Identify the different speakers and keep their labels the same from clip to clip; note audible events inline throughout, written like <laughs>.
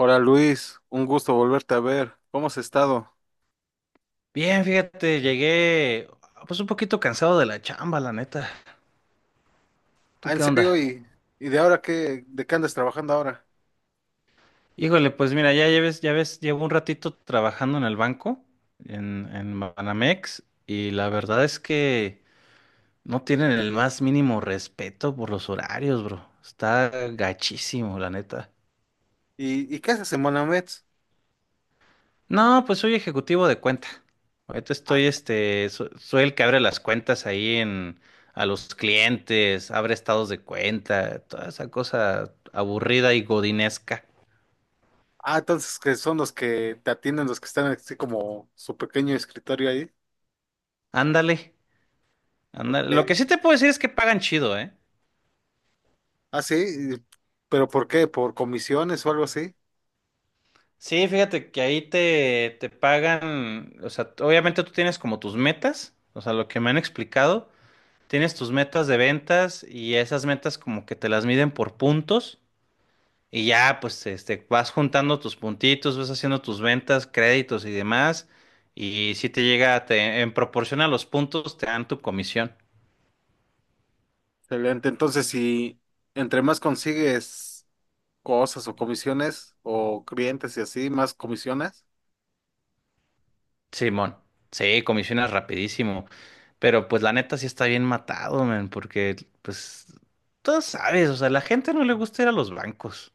Speaker 1: Hola Luis, un gusto volverte a ver. ¿Cómo has estado?
Speaker 2: Bien, fíjate, llegué pues un poquito cansado de la chamba, la neta.
Speaker 1: Ah,
Speaker 2: ¿Tú
Speaker 1: ¿en
Speaker 2: qué
Speaker 1: serio?
Speaker 2: onda?
Speaker 1: ¿Y de ahora qué, ¿de qué andas trabajando ahora?
Speaker 2: Híjole, pues mira, ya ves, llevo un ratito trabajando en el banco, en Banamex, y la verdad es que no tienen el más mínimo respeto por los horarios, bro. Está gachísimo, la neta.
Speaker 1: Y qué haces en Monamets?
Speaker 2: No, pues soy ejecutivo de cuenta. Ahorita
Speaker 1: Ah,
Speaker 2: estoy, soy el que abre las cuentas ahí en, a los clientes, abre estados de cuenta, toda esa cosa aburrida y godinesca.
Speaker 1: ah, entonces que son los que te atienden, los que están así como su pequeño escritorio ahí.
Speaker 2: Ándale, ándale. Lo que
Speaker 1: Ok.
Speaker 2: sí te puedo decir es que pagan chido, ¿eh?
Speaker 1: Ah, sí, y- pero ¿por qué? ¿Por comisiones o algo así?
Speaker 2: Sí, fíjate que ahí te pagan, o sea, obviamente tú tienes como tus metas, o sea, lo que me han explicado, tienes tus metas de ventas y esas metas como que te las miden por puntos. Y ya, pues, vas juntando tus puntitos, vas haciendo tus ventas, créditos y demás. Y si te llega, en proporción a los puntos, te dan tu comisión.
Speaker 1: Excelente. Entonces, si entre más consigues cosas o comisiones o clientes y así, más comisiones.
Speaker 2: Simón, sí, comisionas rapidísimo. Pero pues la neta sí está bien matado, man, porque pues tú sabes, o sea, la gente no le gusta ir a los bancos.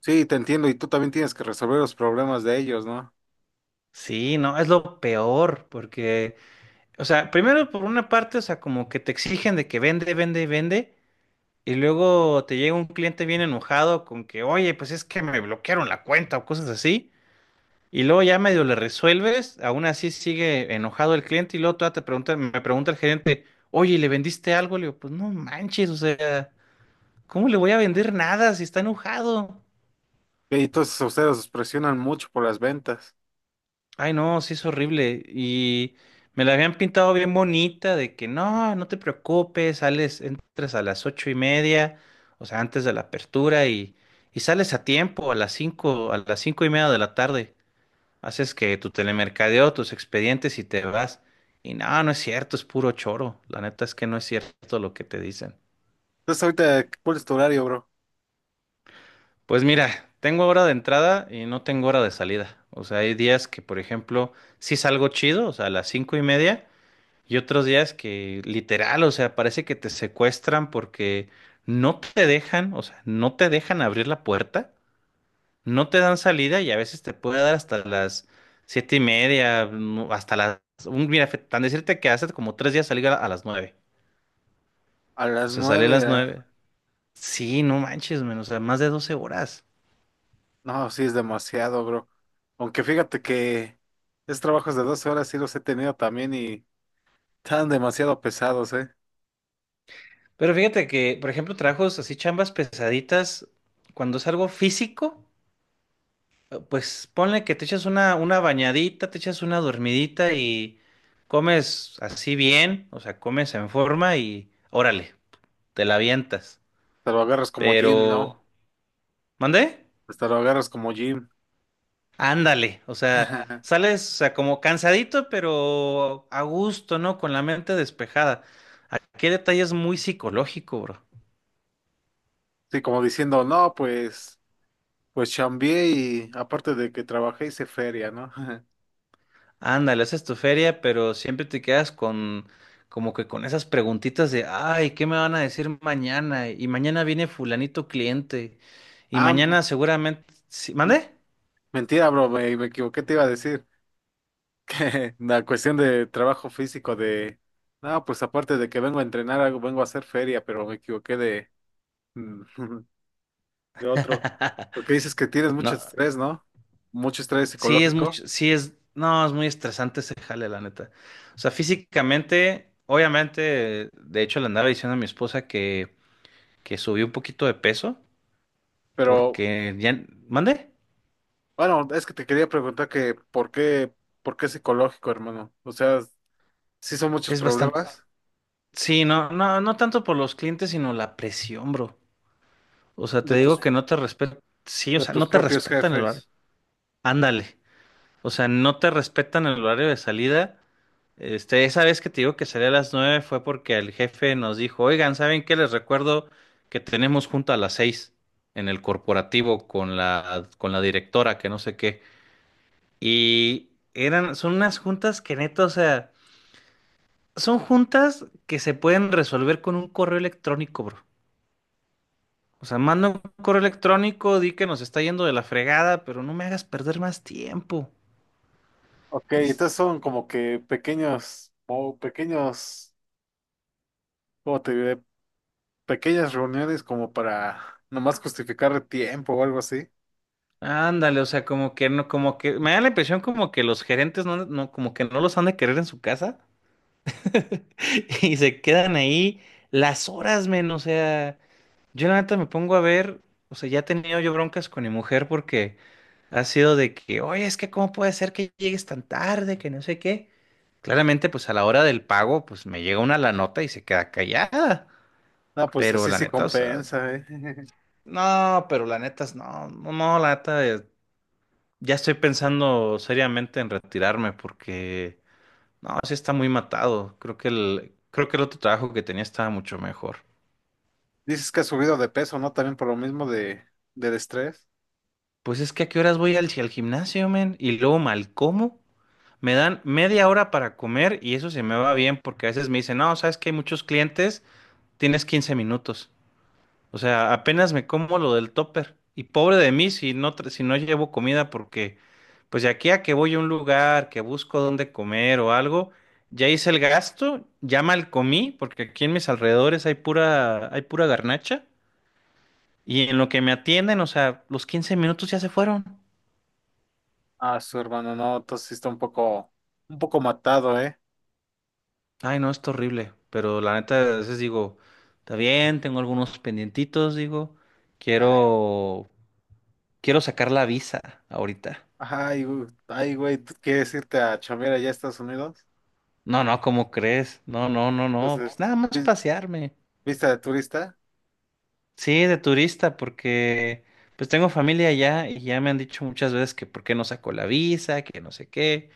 Speaker 1: Sí, te entiendo. Y tú también tienes que resolver los problemas de ellos, ¿no?
Speaker 2: Sí, no, es lo peor, porque, o sea, primero por una parte, o sea, como que te exigen de que vende, vende y vende. Y luego te llega un cliente bien enojado con que, oye, pues es que me bloquearon la cuenta o cosas así. Y luego ya medio le resuelves, aún así sigue enojado el cliente y luego todavía te pregunta, me pregunta el gerente, oye, ¿le vendiste algo? Le digo, pues no manches, o sea, ¿cómo le voy a vender nada si está enojado?
Speaker 1: Y entonces ustedes os presionan mucho por las ventas.
Speaker 2: Ay, no, sí es horrible. Y me la habían pintado bien bonita, de que no, no te preocupes, sales, entras a las 8:30, o sea, antes de la apertura, y sales a tiempo, a las cinco, a las 5:30 de la tarde. Haces que tu telemercadeo, tus expedientes y te vas. Y no, no es cierto, es puro choro. La neta es que no es cierto lo que te dicen.
Speaker 1: Entonces ahorita, ¿cuál es tu horario, bro?
Speaker 2: Pues mira, tengo hora de entrada y no tengo hora de salida. O sea, hay días que, por ejemplo, sí salgo chido, o sea, a las 5:30. Y otros días que literal, o sea, parece que te secuestran porque no te dejan, o sea, no te dejan abrir la puerta, no te dan salida y a veces te puede dar hasta las 7:30, no, hasta las... mira, tan decirte que hace como 3 días salí a las 9:00.
Speaker 1: A
Speaker 2: O
Speaker 1: las
Speaker 2: sea, salí a
Speaker 1: nueve de
Speaker 2: las 9:00.
Speaker 1: la...
Speaker 2: Sí, no manches, menos, o sea, más de 12 horas.
Speaker 1: No, sí es demasiado, bro. Aunque fíjate que esos trabajos de 12 horas sí los he tenido también y están demasiado pesados, ¿eh?
Speaker 2: Pero fíjate que, por ejemplo, trabajos así, chambas pesaditas, cuando es algo físico. Pues ponle que te echas una bañadita, te echas una dormidita y comes así bien, o sea, comes en forma y órale, te la avientas.
Speaker 1: Te lo agarras como gym,
Speaker 2: Pero,
Speaker 1: ¿no?
Speaker 2: ¿mandé?
Speaker 1: Pues te lo agarras como gym.
Speaker 2: Ándale, o sea,
Speaker 1: <laughs>
Speaker 2: sales, o sea, como cansadito, pero a gusto, ¿no? Con la mente despejada. Aquí el detalle es muy psicológico, bro.
Speaker 1: Sí, como diciendo, no, pues, pues chambié y aparte de que trabajé hice feria, ¿no? <laughs>
Speaker 2: Ándale, esa es tu feria, pero siempre te quedas con como que con esas preguntitas de, ay, ¿qué me van a decir mañana? Y mañana viene fulanito cliente. Y
Speaker 1: Ah,
Speaker 2: mañana seguramente... ¿Sí?
Speaker 1: m-
Speaker 2: ¿Mande?
Speaker 1: mentira, bro, me equivoqué, te iba a decir. <laughs> La cuestión de trabajo físico de, no, pues aparte de que vengo a entrenar algo, vengo a hacer feria, pero me equivoqué de, <laughs> de otro.
Speaker 2: <laughs>
Speaker 1: Porque dices que tienes mucho
Speaker 2: No,
Speaker 1: estrés, ¿no? Mucho estrés
Speaker 2: sí es
Speaker 1: psicológico,
Speaker 2: mucho, sí es, no, es muy estresante ese jale, la neta. O sea, físicamente, obviamente, de hecho le andaba diciendo a mi esposa que, subí un poquito de peso,
Speaker 1: pero
Speaker 2: porque ya, ¿mande?
Speaker 1: bueno, es que te quería preguntar que por qué psicológico, hermano. O sea, sí son muchos
Speaker 2: Es bastante,
Speaker 1: problemas
Speaker 2: sí, no, no, no tanto por los clientes, sino la presión, bro. O sea, te digo que
Speaker 1: de
Speaker 2: no te respetan. Sí, o sea,
Speaker 1: tus
Speaker 2: no te
Speaker 1: propios
Speaker 2: respetan el horario.
Speaker 1: jefes.
Speaker 2: Ándale. O sea, no te respetan el horario de salida. Esa vez que te digo que salía a las 9:00 fue porque el jefe nos dijo, oigan, ¿saben qué? Les recuerdo que tenemos junta a las 6:00 en el corporativo con la directora, que no sé qué. Y eran, son unas juntas que neta, o sea, son juntas que se pueden resolver con un correo electrónico, bro. O sea, manda un correo electrónico, di que nos está yendo de la fregada, pero no me hagas perder más tiempo.
Speaker 1: Ok,
Speaker 2: Y es-
Speaker 1: entonces son como que pequeños, o pequeños, ¿cómo te diré? Pequeñas reuniones como para nomás justificar el tiempo o algo así.
Speaker 2: Ándale, o sea, como que no, como que me da la impresión como que los gerentes no, no, como que no los han de querer en su casa <laughs> y se quedan ahí las horas, men. O sea, yo la neta me pongo a ver, o sea, ya he tenido yo broncas con mi mujer porque ha sido de que, oye, es que cómo puede ser que llegues tan tarde, que no sé qué. Claramente, pues a la hora del pago, pues me llega una la nota y se queda callada.
Speaker 1: No, pues
Speaker 2: Pero
Speaker 1: así
Speaker 2: la
Speaker 1: sí
Speaker 2: neta, o sea,
Speaker 1: compensa, ¿eh? <laughs>
Speaker 2: no, pero la neta, no, no, no, la neta, ya estoy pensando seriamente en retirarme porque, no, sí está muy matado. Creo que el otro trabajo que tenía estaba mucho mejor.
Speaker 1: Dices que has subido de peso, ¿no? También por lo mismo de, del estrés.
Speaker 2: Pues es que a qué horas voy al gimnasio, men, y luego mal como. Me dan media hora para comer y eso se me va bien porque a veces me dicen, no, sabes que hay muchos clientes, tienes 15 minutos. O sea, apenas me como lo del topper. Y pobre de mí si no, si no llevo comida, porque pues de aquí a que voy a un lugar, que busco dónde comer o algo, ya hice el gasto, ya mal comí, porque aquí en mis alrededores hay pura garnacha. Y en lo que me atienden, o sea, los 15 minutos ya se fueron.
Speaker 1: Ah, su hermano, no, entonces sí está un poco matado, ¿eh?
Speaker 2: Ay, no, es horrible. Pero la neta, a veces digo, está bien, tengo algunos pendientitos, digo,
Speaker 1: Ah,
Speaker 2: quiero, quiero sacar la visa ahorita.
Speaker 1: ay, güey, ay, güey, ¿tú quieres irte a chambear allá a Estados Unidos?
Speaker 2: No, no, ¿cómo crees? No, no, no, no,
Speaker 1: Entonces,
Speaker 2: pues nada más pasearme.
Speaker 1: vista de turista.
Speaker 2: Sí, de turista, porque pues tengo familia allá y ya me han dicho muchas veces que por qué no saco la visa, que no sé qué,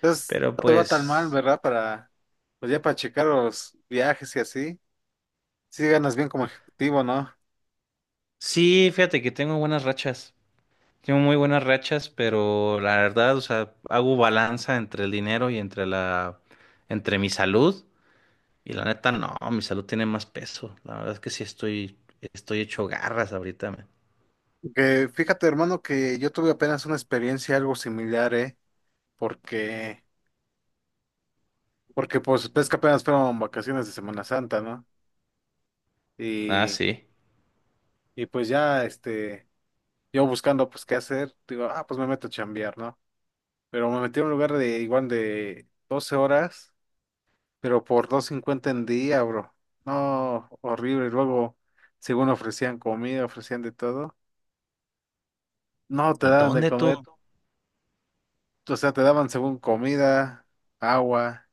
Speaker 1: Entonces,
Speaker 2: pero
Speaker 1: no te va tan mal,
Speaker 2: pues
Speaker 1: ¿verdad? Para, pues ya para checar los viajes y así. Sí ganas bien como ejecutivo, ¿no?
Speaker 2: sí, fíjate que tengo buenas rachas, tengo muy buenas rachas, pero la verdad, o sea, hago balanza entre el dinero y entre mi salud y la neta, no, mi salud tiene más peso. La verdad es que sí estoy hecho garras ahorita. Man.
Speaker 1: Que fíjate, hermano, que yo tuve apenas una experiencia algo similar, ¿eh? Porque, porque pues ves que apenas fueron vacaciones de Semana Santa, ¿no?
Speaker 2: Ah,
Speaker 1: Y,
Speaker 2: sí.
Speaker 1: y pues ya, este, yo buscando pues qué hacer, digo, ah, pues me meto a chambear, ¿no? Pero me metí a un lugar de igual de 12 horas, pero por 250 en día, bro. No, horrible. Y luego, según ofrecían comida, ofrecían de todo. No, te
Speaker 2: ¿Y
Speaker 1: daban de
Speaker 2: dónde tú?
Speaker 1: comer, o sea, te daban según comida, agua.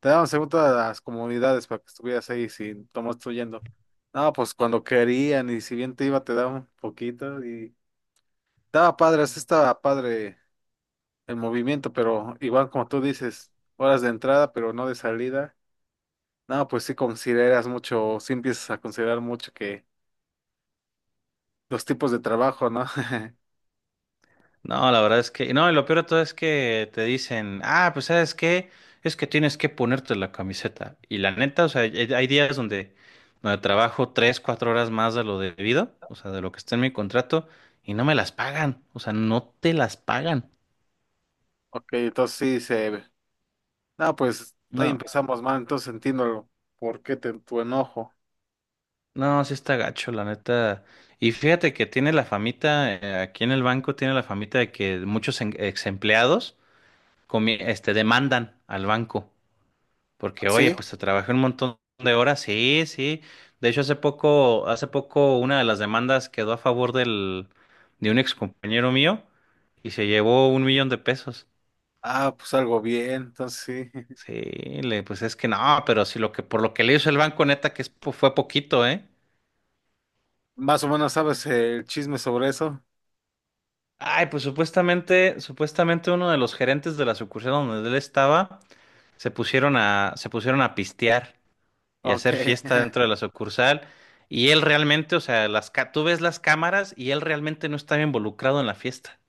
Speaker 1: Te daban según todas las comunidades para que estuvieras ahí sin tomar yendo. No, pues cuando querían y si bien te iba te daban un poquito y estaba padre, sí estaba padre el movimiento, pero igual como tú dices, horas de entrada pero no de salida. No, pues sí consideras mucho, sí empiezas a considerar mucho que los tipos de trabajo, ¿no? <laughs>
Speaker 2: No, la verdad es que, no, y lo peor de todo es que te dicen, ah, pues sabes qué, es que tienes que ponerte la camiseta. Y la neta, o sea, hay días donde trabajo tres, cuatro horas más de lo debido, o sea, de lo que está en mi contrato, y no me las pagan, o sea, no te las pagan.
Speaker 1: Ok, entonces sí se... No, pues ahí
Speaker 2: No,
Speaker 1: empezamos mal, entonces entiendo por qué tu enojo.
Speaker 2: no, sí está gacho, la neta. Y fíjate que tiene la famita, aquí en el banco tiene la famita de que muchos ex empleados demandan al banco. Porque, oye,
Speaker 1: ¿Sí?
Speaker 2: pues te trabajé un montón de horas, sí, sí. De hecho, hace poco una de las demandas quedó a favor de un ex compañero mío y se llevó un millón de pesos.
Speaker 1: Ah, pues algo bien, entonces sí.
Speaker 2: Sí, pues es que no, pero si por lo que le hizo el banco, neta, que es fue poquito, ¿eh?
Speaker 1: Más o menos sabes el chisme sobre eso.
Speaker 2: Ay, pues supuestamente uno de los gerentes de la sucursal donde él estaba se pusieron a pistear. Y
Speaker 1: Ok.
Speaker 2: hacer fiesta dentro de
Speaker 1: <laughs>
Speaker 2: la sucursal. Y él realmente, o sea, tú ves las cámaras y él realmente no estaba involucrado en la fiesta.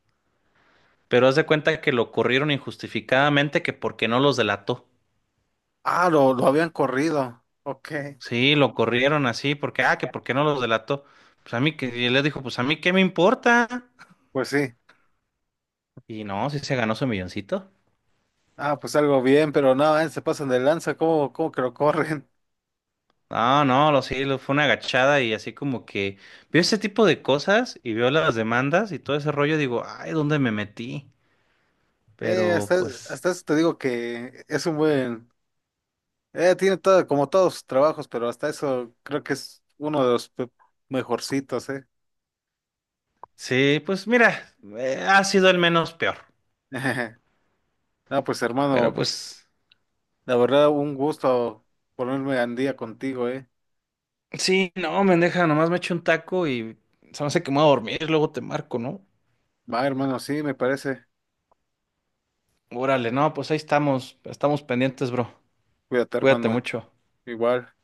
Speaker 2: Pero haz de cuenta que lo corrieron injustificadamente, que porque no los delató.
Speaker 1: Ah, lo habían corrido. Ok.
Speaker 2: Sí, lo corrieron así, porque, ah, que porque no los delató. Pues a mí, que y él le dijo, pues a mí, ¿qué me importa?
Speaker 1: Pues sí.
Speaker 2: Y no, sí se ganó su milloncito.
Speaker 1: Ah, pues algo bien, pero no, se pasan de lanza. ¿Cómo, cómo que lo corren? <laughs>
Speaker 2: No, no, lo sí, fue una agachada y así como que vio ese tipo de cosas y vio las demandas y todo ese rollo, digo, ay, ¿dónde me metí? Pero pues
Speaker 1: Hasta eso te digo que es un buen. Tiene todo, como todos sus trabajos, pero hasta eso creo que es uno de los mejorcitos, ¿eh?
Speaker 2: sí, pues mira, ha sido el menos peor.
Speaker 1: <laughs> No, pues
Speaker 2: Pero
Speaker 1: hermano,
Speaker 2: pues,
Speaker 1: la verdad, un gusto ponerme al día contigo, ¿eh?
Speaker 2: sí, no, mendeja, nomás me echo un taco y se me hace que me voy a dormir, luego te marco, ¿no?
Speaker 1: Va, hermano, sí, me parece.
Speaker 2: Órale, no, pues ahí estamos, estamos pendientes, bro.
Speaker 1: Cuídate,
Speaker 2: Cuídate
Speaker 1: hermano.
Speaker 2: mucho.
Speaker 1: Igual.